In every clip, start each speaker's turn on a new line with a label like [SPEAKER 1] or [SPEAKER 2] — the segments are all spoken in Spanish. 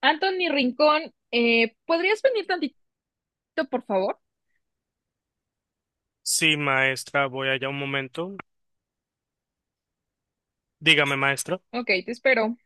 [SPEAKER 1] Anthony Rincón, ¿podrías venir tantito, por favor?
[SPEAKER 2] Sí, maestra, voy allá un momento. Dígame, maestra.
[SPEAKER 1] Ok, te espero.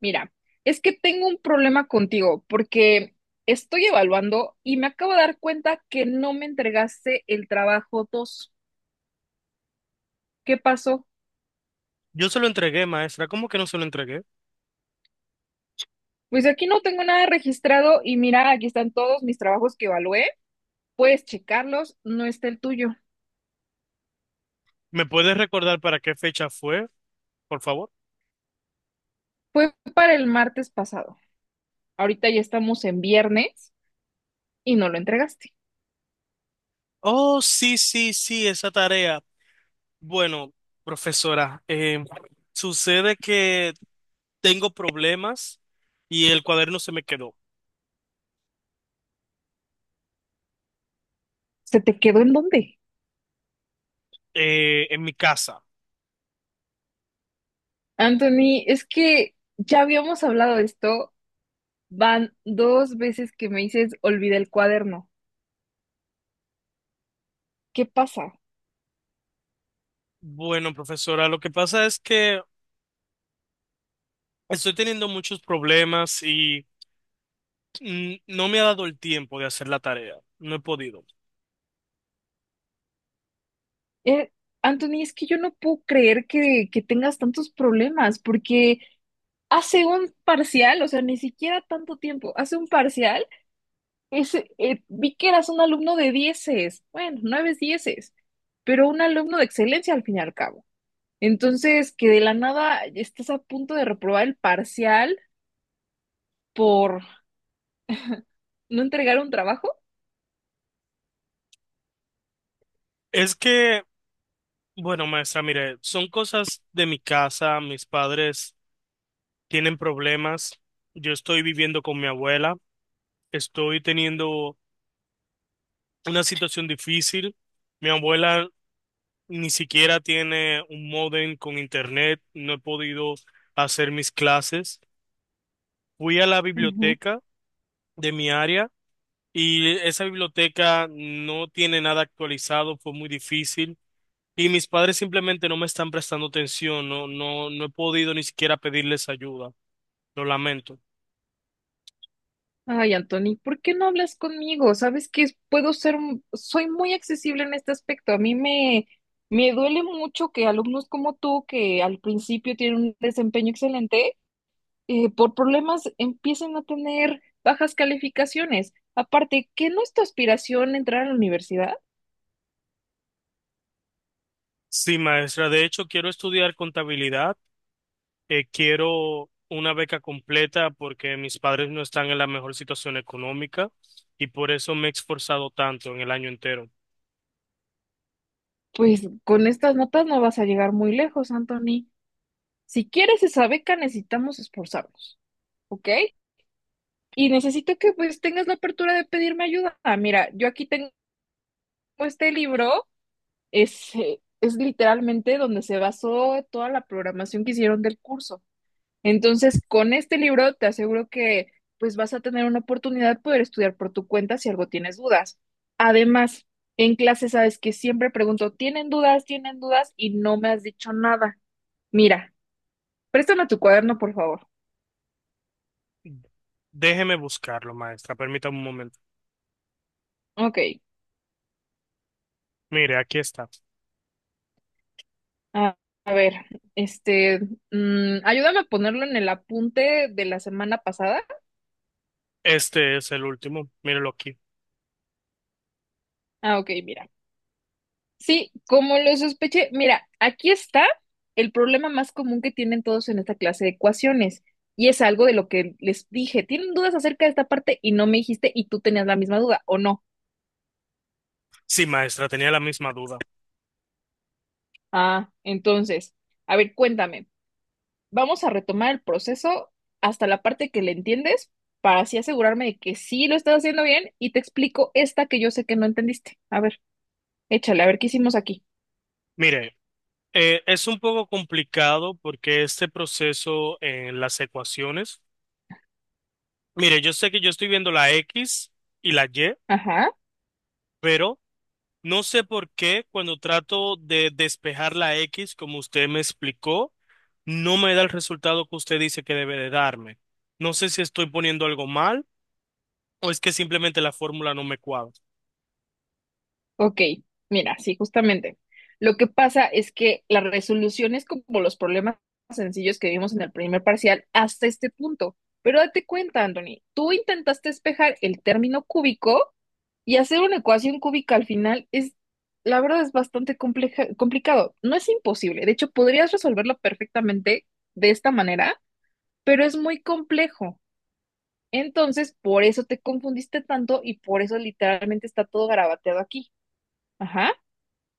[SPEAKER 1] Mira, es que tengo un problema contigo porque estoy evaluando y me acabo de dar cuenta que no me entregaste el trabajo 2. ¿Qué pasó?
[SPEAKER 2] Yo se lo entregué, maestra. ¿Cómo que no se lo entregué?
[SPEAKER 1] Pues aquí no tengo nada registrado y mira, aquí están todos mis trabajos que evalué. Puedes checarlos, no está el tuyo.
[SPEAKER 2] ¿Me puedes recordar para qué fecha fue, por favor?
[SPEAKER 1] Fue para el martes pasado. Ahorita ya estamos en viernes y no lo entregaste.
[SPEAKER 2] Oh, sí, sí, sí, esa tarea. Bueno, profesora, sucede que tengo problemas y el cuaderno se me quedó
[SPEAKER 1] ¿Se te quedó en dónde?
[SPEAKER 2] en mi casa.
[SPEAKER 1] Anthony, es que ya habíamos hablado de esto, van dos veces que me dices olvida el cuaderno. ¿Qué pasa?
[SPEAKER 2] Bueno, profesora, lo que pasa es que estoy teniendo muchos problemas y no me ha dado el tiempo de hacer la tarea. No he podido.
[SPEAKER 1] Eh, Anthony, es que yo no puedo creer que tengas tantos problemas, porque hace un parcial, o sea, ni siquiera tanto tiempo, hace un parcial, ese, vi que eras un alumno de dieces, bueno, nueve dieces, pero un alumno de excelencia al fin y al cabo. Entonces, que de la nada estés a punto de reprobar el parcial por no entregar un trabajo.
[SPEAKER 2] Es que bueno, maestra, mire, son cosas de mi casa, mis padres tienen problemas, yo estoy viviendo con mi abuela, estoy teniendo una situación difícil, mi abuela ni siquiera tiene un módem con internet, no he podido hacer mis clases. Fui a la
[SPEAKER 1] Ujú.
[SPEAKER 2] biblioteca de mi área y esa biblioteca no tiene nada actualizado, fue muy difícil. Y mis padres simplemente no me están prestando atención, no, no, no he podido ni siquiera pedirles ayuda. Lo lamento.
[SPEAKER 1] Ay, Anthony, ¿por qué no hablas conmigo? Sabes que puedo ser, soy muy accesible en este aspecto. Me duele mucho que alumnos como tú, que al principio tienen un desempeño excelente, por problemas empiecen a tener bajas calificaciones. Aparte, ¿qué no es tu aspiración entrar a la universidad?
[SPEAKER 2] Sí, maestra. De hecho, quiero estudiar contabilidad. Quiero una beca completa porque mis padres no están en la mejor situación económica y por eso me he esforzado tanto en el año entero.
[SPEAKER 1] Pues con estas notas no vas a llegar muy lejos, Anthony. Si quieres esa beca, necesitamos esforzarnos, ¿ok? Y necesito que pues tengas la apertura de pedirme ayuda. Ah, mira, yo aquí tengo este libro, es literalmente donde se basó toda la programación que hicieron del curso. Entonces, con este libro te aseguro que pues vas a tener una oportunidad de poder estudiar por tu cuenta si algo tienes dudas. Además, en clase sabes que siempre pregunto, ¿tienen dudas? ¿Tienen dudas? Y no me has dicho nada. Mira, préstame tu cuaderno, por favor.
[SPEAKER 2] Déjeme buscarlo, maestra. Permítame un momento.
[SPEAKER 1] Ok.
[SPEAKER 2] Mire, aquí está.
[SPEAKER 1] A, a ver, este, ayúdame a ponerlo en el apunte de la semana pasada.
[SPEAKER 2] Este es el último. Mírelo aquí.
[SPEAKER 1] Ah, ok, mira. Sí, como lo sospeché, mira, aquí está el problema más común que tienen todos en esta clase de ecuaciones. Y es algo de lo que les dije. ¿Tienen dudas acerca de esta parte y no me dijiste y tú tenías la misma duda o no?
[SPEAKER 2] Sí, maestra, tenía la misma duda.
[SPEAKER 1] Ah, entonces, a ver, cuéntame. Vamos a retomar el proceso hasta la parte que le entiendes para así asegurarme de que sí lo estás haciendo bien y te explico esta que yo sé que no entendiste. A ver, échale, a ver qué hicimos aquí.
[SPEAKER 2] Mire, es un poco complicado porque este proceso en las ecuaciones. Mire, yo sé que yo estoy viendo la X y la Y.
[SPEAKER 1] Ajá.
[SPEAKER 2] Pero no sé por qué cuando trato de despejar la X, como usted me explicó, no me da el resultado que usted dice que debe de darme. No sé si estoy poniendo algo mal o es que simplemente la fórmula no me cuadra.
[SPEAKER 1] Ok, mira, sí, justamente. Lo que pasa es que las resoluciones como los problemas sencillos que vimos en el primer parcial hasta este punto. Pero date cuenta, Anthony, tú intentaste despejar el término cúbico y hacer una ecuación cúbica al final es, la verdad, es bastante complicado. No es imposible. De hecho, podrías resolverlo perfectamente de esta manera, pero es muy complejo. Entonces, por eso te confundiste tanto y por eso literalmente está todo garabateado aquí. Ajá.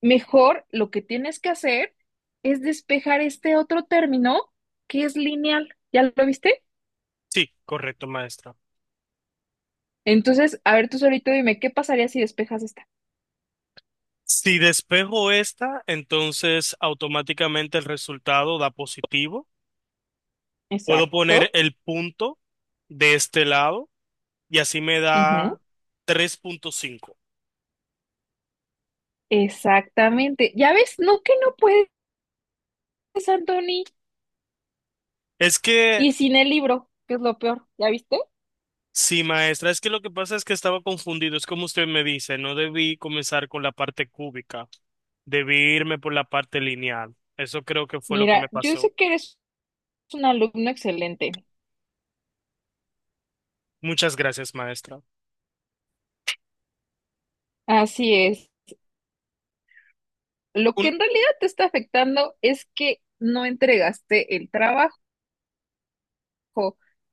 [SPEAKER 1] Mejor lo que tienes que hacer es despejar este otro término que es lineal. ¿Ya lo viste?
[SPEAKER 2] Sí, correcto, maestra.
[SPEAKER 1] Entonces, a ver, tú solito dime, ¿qué pasaría si despejas esta?
[SPEAKER 2] Si despejo esta, entonces automáticamente el resultado da positivo. Puedo poner
[SPEAKER 1] Exacto.
[SPEAKER 2] el punto de este lado y así me
[SPEAKER 1] Ujú.
[SPEAKER 2] da 3.5.
[SPEAKER 1] Exactamente. ¿Ya ves? No que no puedes, Anthony.
[SPEAKER 2] Es que
[SPEAKER 1] Y sin el libro, que es lo peor. ¿Ya viste?
[SPEAKER 2] sí, maestra, es que lo que pasa es que estaba confundido, es como usted me dice, no debí comenzar con la parte cúbica, debí irme por la parte lineal. Eso creo que fue lo que me
[SPEAKER 1] Mira, yo
[SPEAKER 2] pasó.
[SPEAKER 1] sé que eres un alumno excelente.
[SPEAKER 2] Muchas gracias, maestra.
[SPEAKER 1] Así es. Lo
[SPEAKER 2] Un...
[SPEAKER 1] que en realidad te está afectando es que no entregaste el trabajo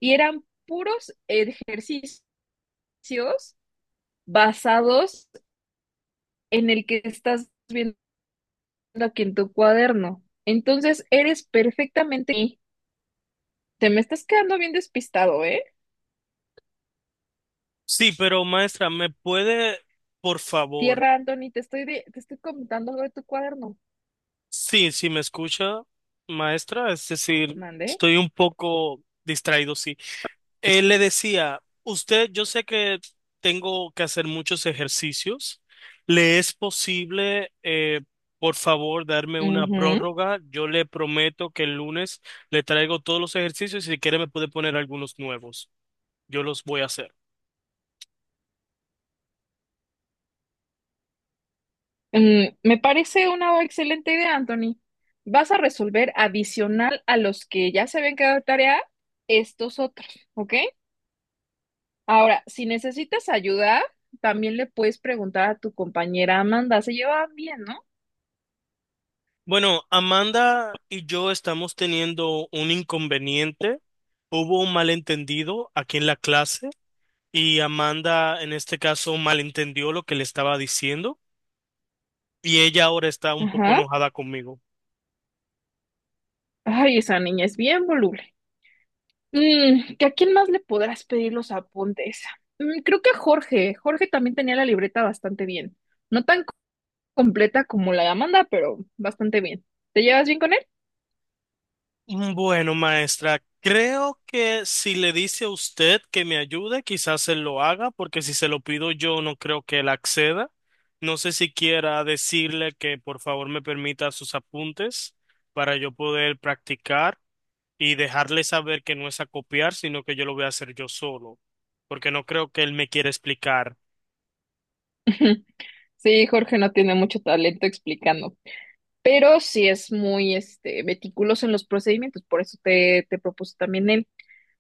[SPEAKER 1] y eran puros ejercicios basados en el que estás viendo aquí en tu cuaderno. Entonces, eres perfectamente... Te me estás quedando bien despistado, ¿eh?
[SPEAKER 2] Sí, pero maestra, ¿me puede, por favor?
[SPEAKER 1] Tierra, Anthony, te estoy comentando algo de tu cuaderno.
[SPEAKER 2] Sí, sí, me escucha, maestra, es decir,
[SPEAKER 1] Mande.
[SPEAKER 2] estoy un poco distraído, sí. Él le decía, usted, yo sé que tengo que hacer muchos ejercicios. ¿Le es posible, por favor, darme una
[SPEAKER 1] Ujú.
[SPEAKER 2] prórroga? Yo le prometo que el lunes le traigo todos los ejercicios y si quiere me puede poner algunos nuevos. Yo los voy a hacer.
[SPEAKER 1] Mm, me parece una excelente idea, Anthony. Vas a resolver adicional a los que ya se habían quedado de tarea, estos otros, ¿ok? Ahora, si necesitas ayuda, también le puedes preguntar a tu compañera Amanda. Se llevaban bien, ¿no?
[SPEAKER 2] Bueno, Amanda y yo estamos teniendo un inconveniente. Hubo un malentendido aquí en la clase y Amanda en este caso malentendió lo que le estaba diciendo. Y ella ahora está un poco
[SPEAKER 1] Ajá.
[SPEAKER 2] enojada conmigo.
[SPEAKER 1] Ay, esa niña es bien voluble. Mm, ¿que a quién más le podrás pedir los apuntes? Mm, creo que a Jorge. Jorge también tenía la libreta bastante bien. No tan co- completa como la de Amanda, pero bastante bien. ¿Te llevas bien con él?
[SPEAKER 2] Bueno, maestra, creo que si le dice a usted que me ayude, quizás él lo haga, porque si se lo pido yo, no creo que él acceda. No sé si quiera decirle que por favor me permita sus apuntes para yo poder practicar y dejarle saber que no es a copiar, sino que yo lo voy a hacer yo solo, porque no creo que él me quiera explicar.
[SPEAKER 1] Sí, Jorge no tiene mucho talento explicando, pero sí es muy este, meticuloso en los procedimientos, por eso te propuso también él.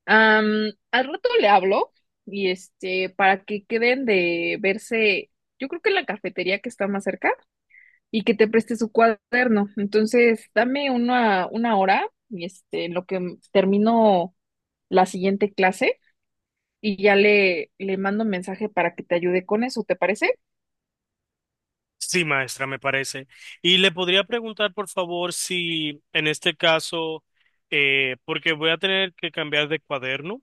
[SPEAKER 1] Am, al rato le hablo y este, para que queden de verse, yo creo que en la cafetería que está más cerca, y que te preste su cuaderno. Entonces, dame una hora, y este, en lo que termino la siguiente clase, y ya le mando un mensaje para que te ayude con eso, ¿te parece?
[SPEAKER 2] Sí, maestra, me parece. Y le podría preguntar, por favor, si en este caso, porque voy a tener que cambiar de cuaderno.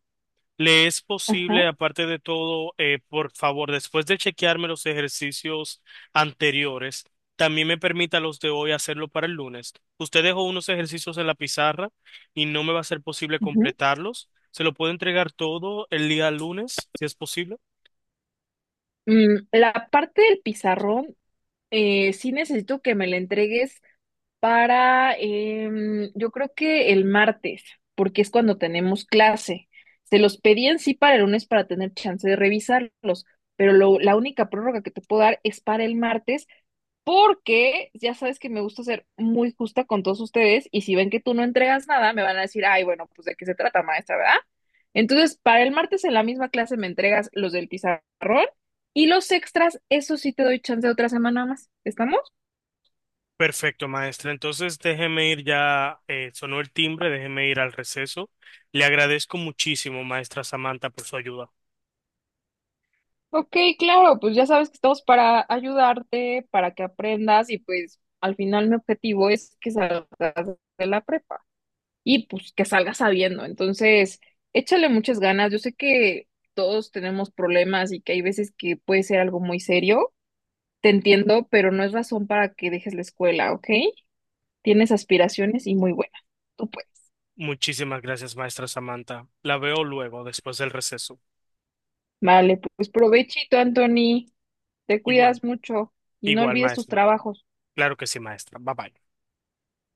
[SPEAKER 2] Le es posible,
[SPEAKER 1] Ajá.
[SPEAKER 2] aparte de todo, por favor, después de chequearme los ejercicios anteriores, también me permita los de hoy hacerlo para el lunes. Usted dejó unos ejercicios en la pizarra y no me va a ser posible
[SPEAKER 1] Ujú.
[SPEAKER 2] completarlos. ¿Se lo puedo entregar todo el día lunes, si es posible?
[SPEAKER 1] Mm, la parte del pizarrón, sí necesito que me la entregues para, yo creo que el martes, porque es cuando tenemos clase. Se los pedí en sí para el lunes para tener chance de revisarlos, pero la única prórroga que te puedo dar es para el martes. Porque ya sabes que me gusta ser muy justa con todos ustedes y si ven que tú no entregas nada, me van a decir, ay, bueno, pues de qué se trata, maestra, ¿verdad? Entonces, para el martes en la misma clase me entregas los del pizarrón y los extras, eso sí te doy chance de otra semana más. ¿Estamos?
[SPEAKER 2] Perfecto, maestra. Entonces déjeme ir ya, sonó el timbre, déjeme ir al receso. Le agradezco muchísimo, maestra Samantha, por su ayuda.
[SPEAKER 1] Ok, claro, pues ya sabes que estamos para ayudarte, para que aprendas y pues al final mi objetivo es que salgas de la prepa, y pues que salga sabiendo. Entonces, échale muchas ganas. Yo sé que todos tenemos problemas y que hay veces que puede ser algo muy serio. Te entiendo, pero no es razón para que dejes la escuela, ¿ok? Tienes aspiraciones y muy buenas. Tú puedes.
[SPEAKER 2] Muchísimas gracias, maestra Samantha. La veo luego, después del receso.
[SPEAKER 1] Vale, pues provechito, Anthony. Te
[SPEAKER 2] Igual,
[SPEAKER 1] cuidas mucho y no
[SPEAKER 2] igual,
[SPEAKER 1] olvides tus
[SPEAKER 2] maestra.
[SPEAKER 1] trabajos.
[SPEAKER 2] Claro que sí, maestra. Bye bye.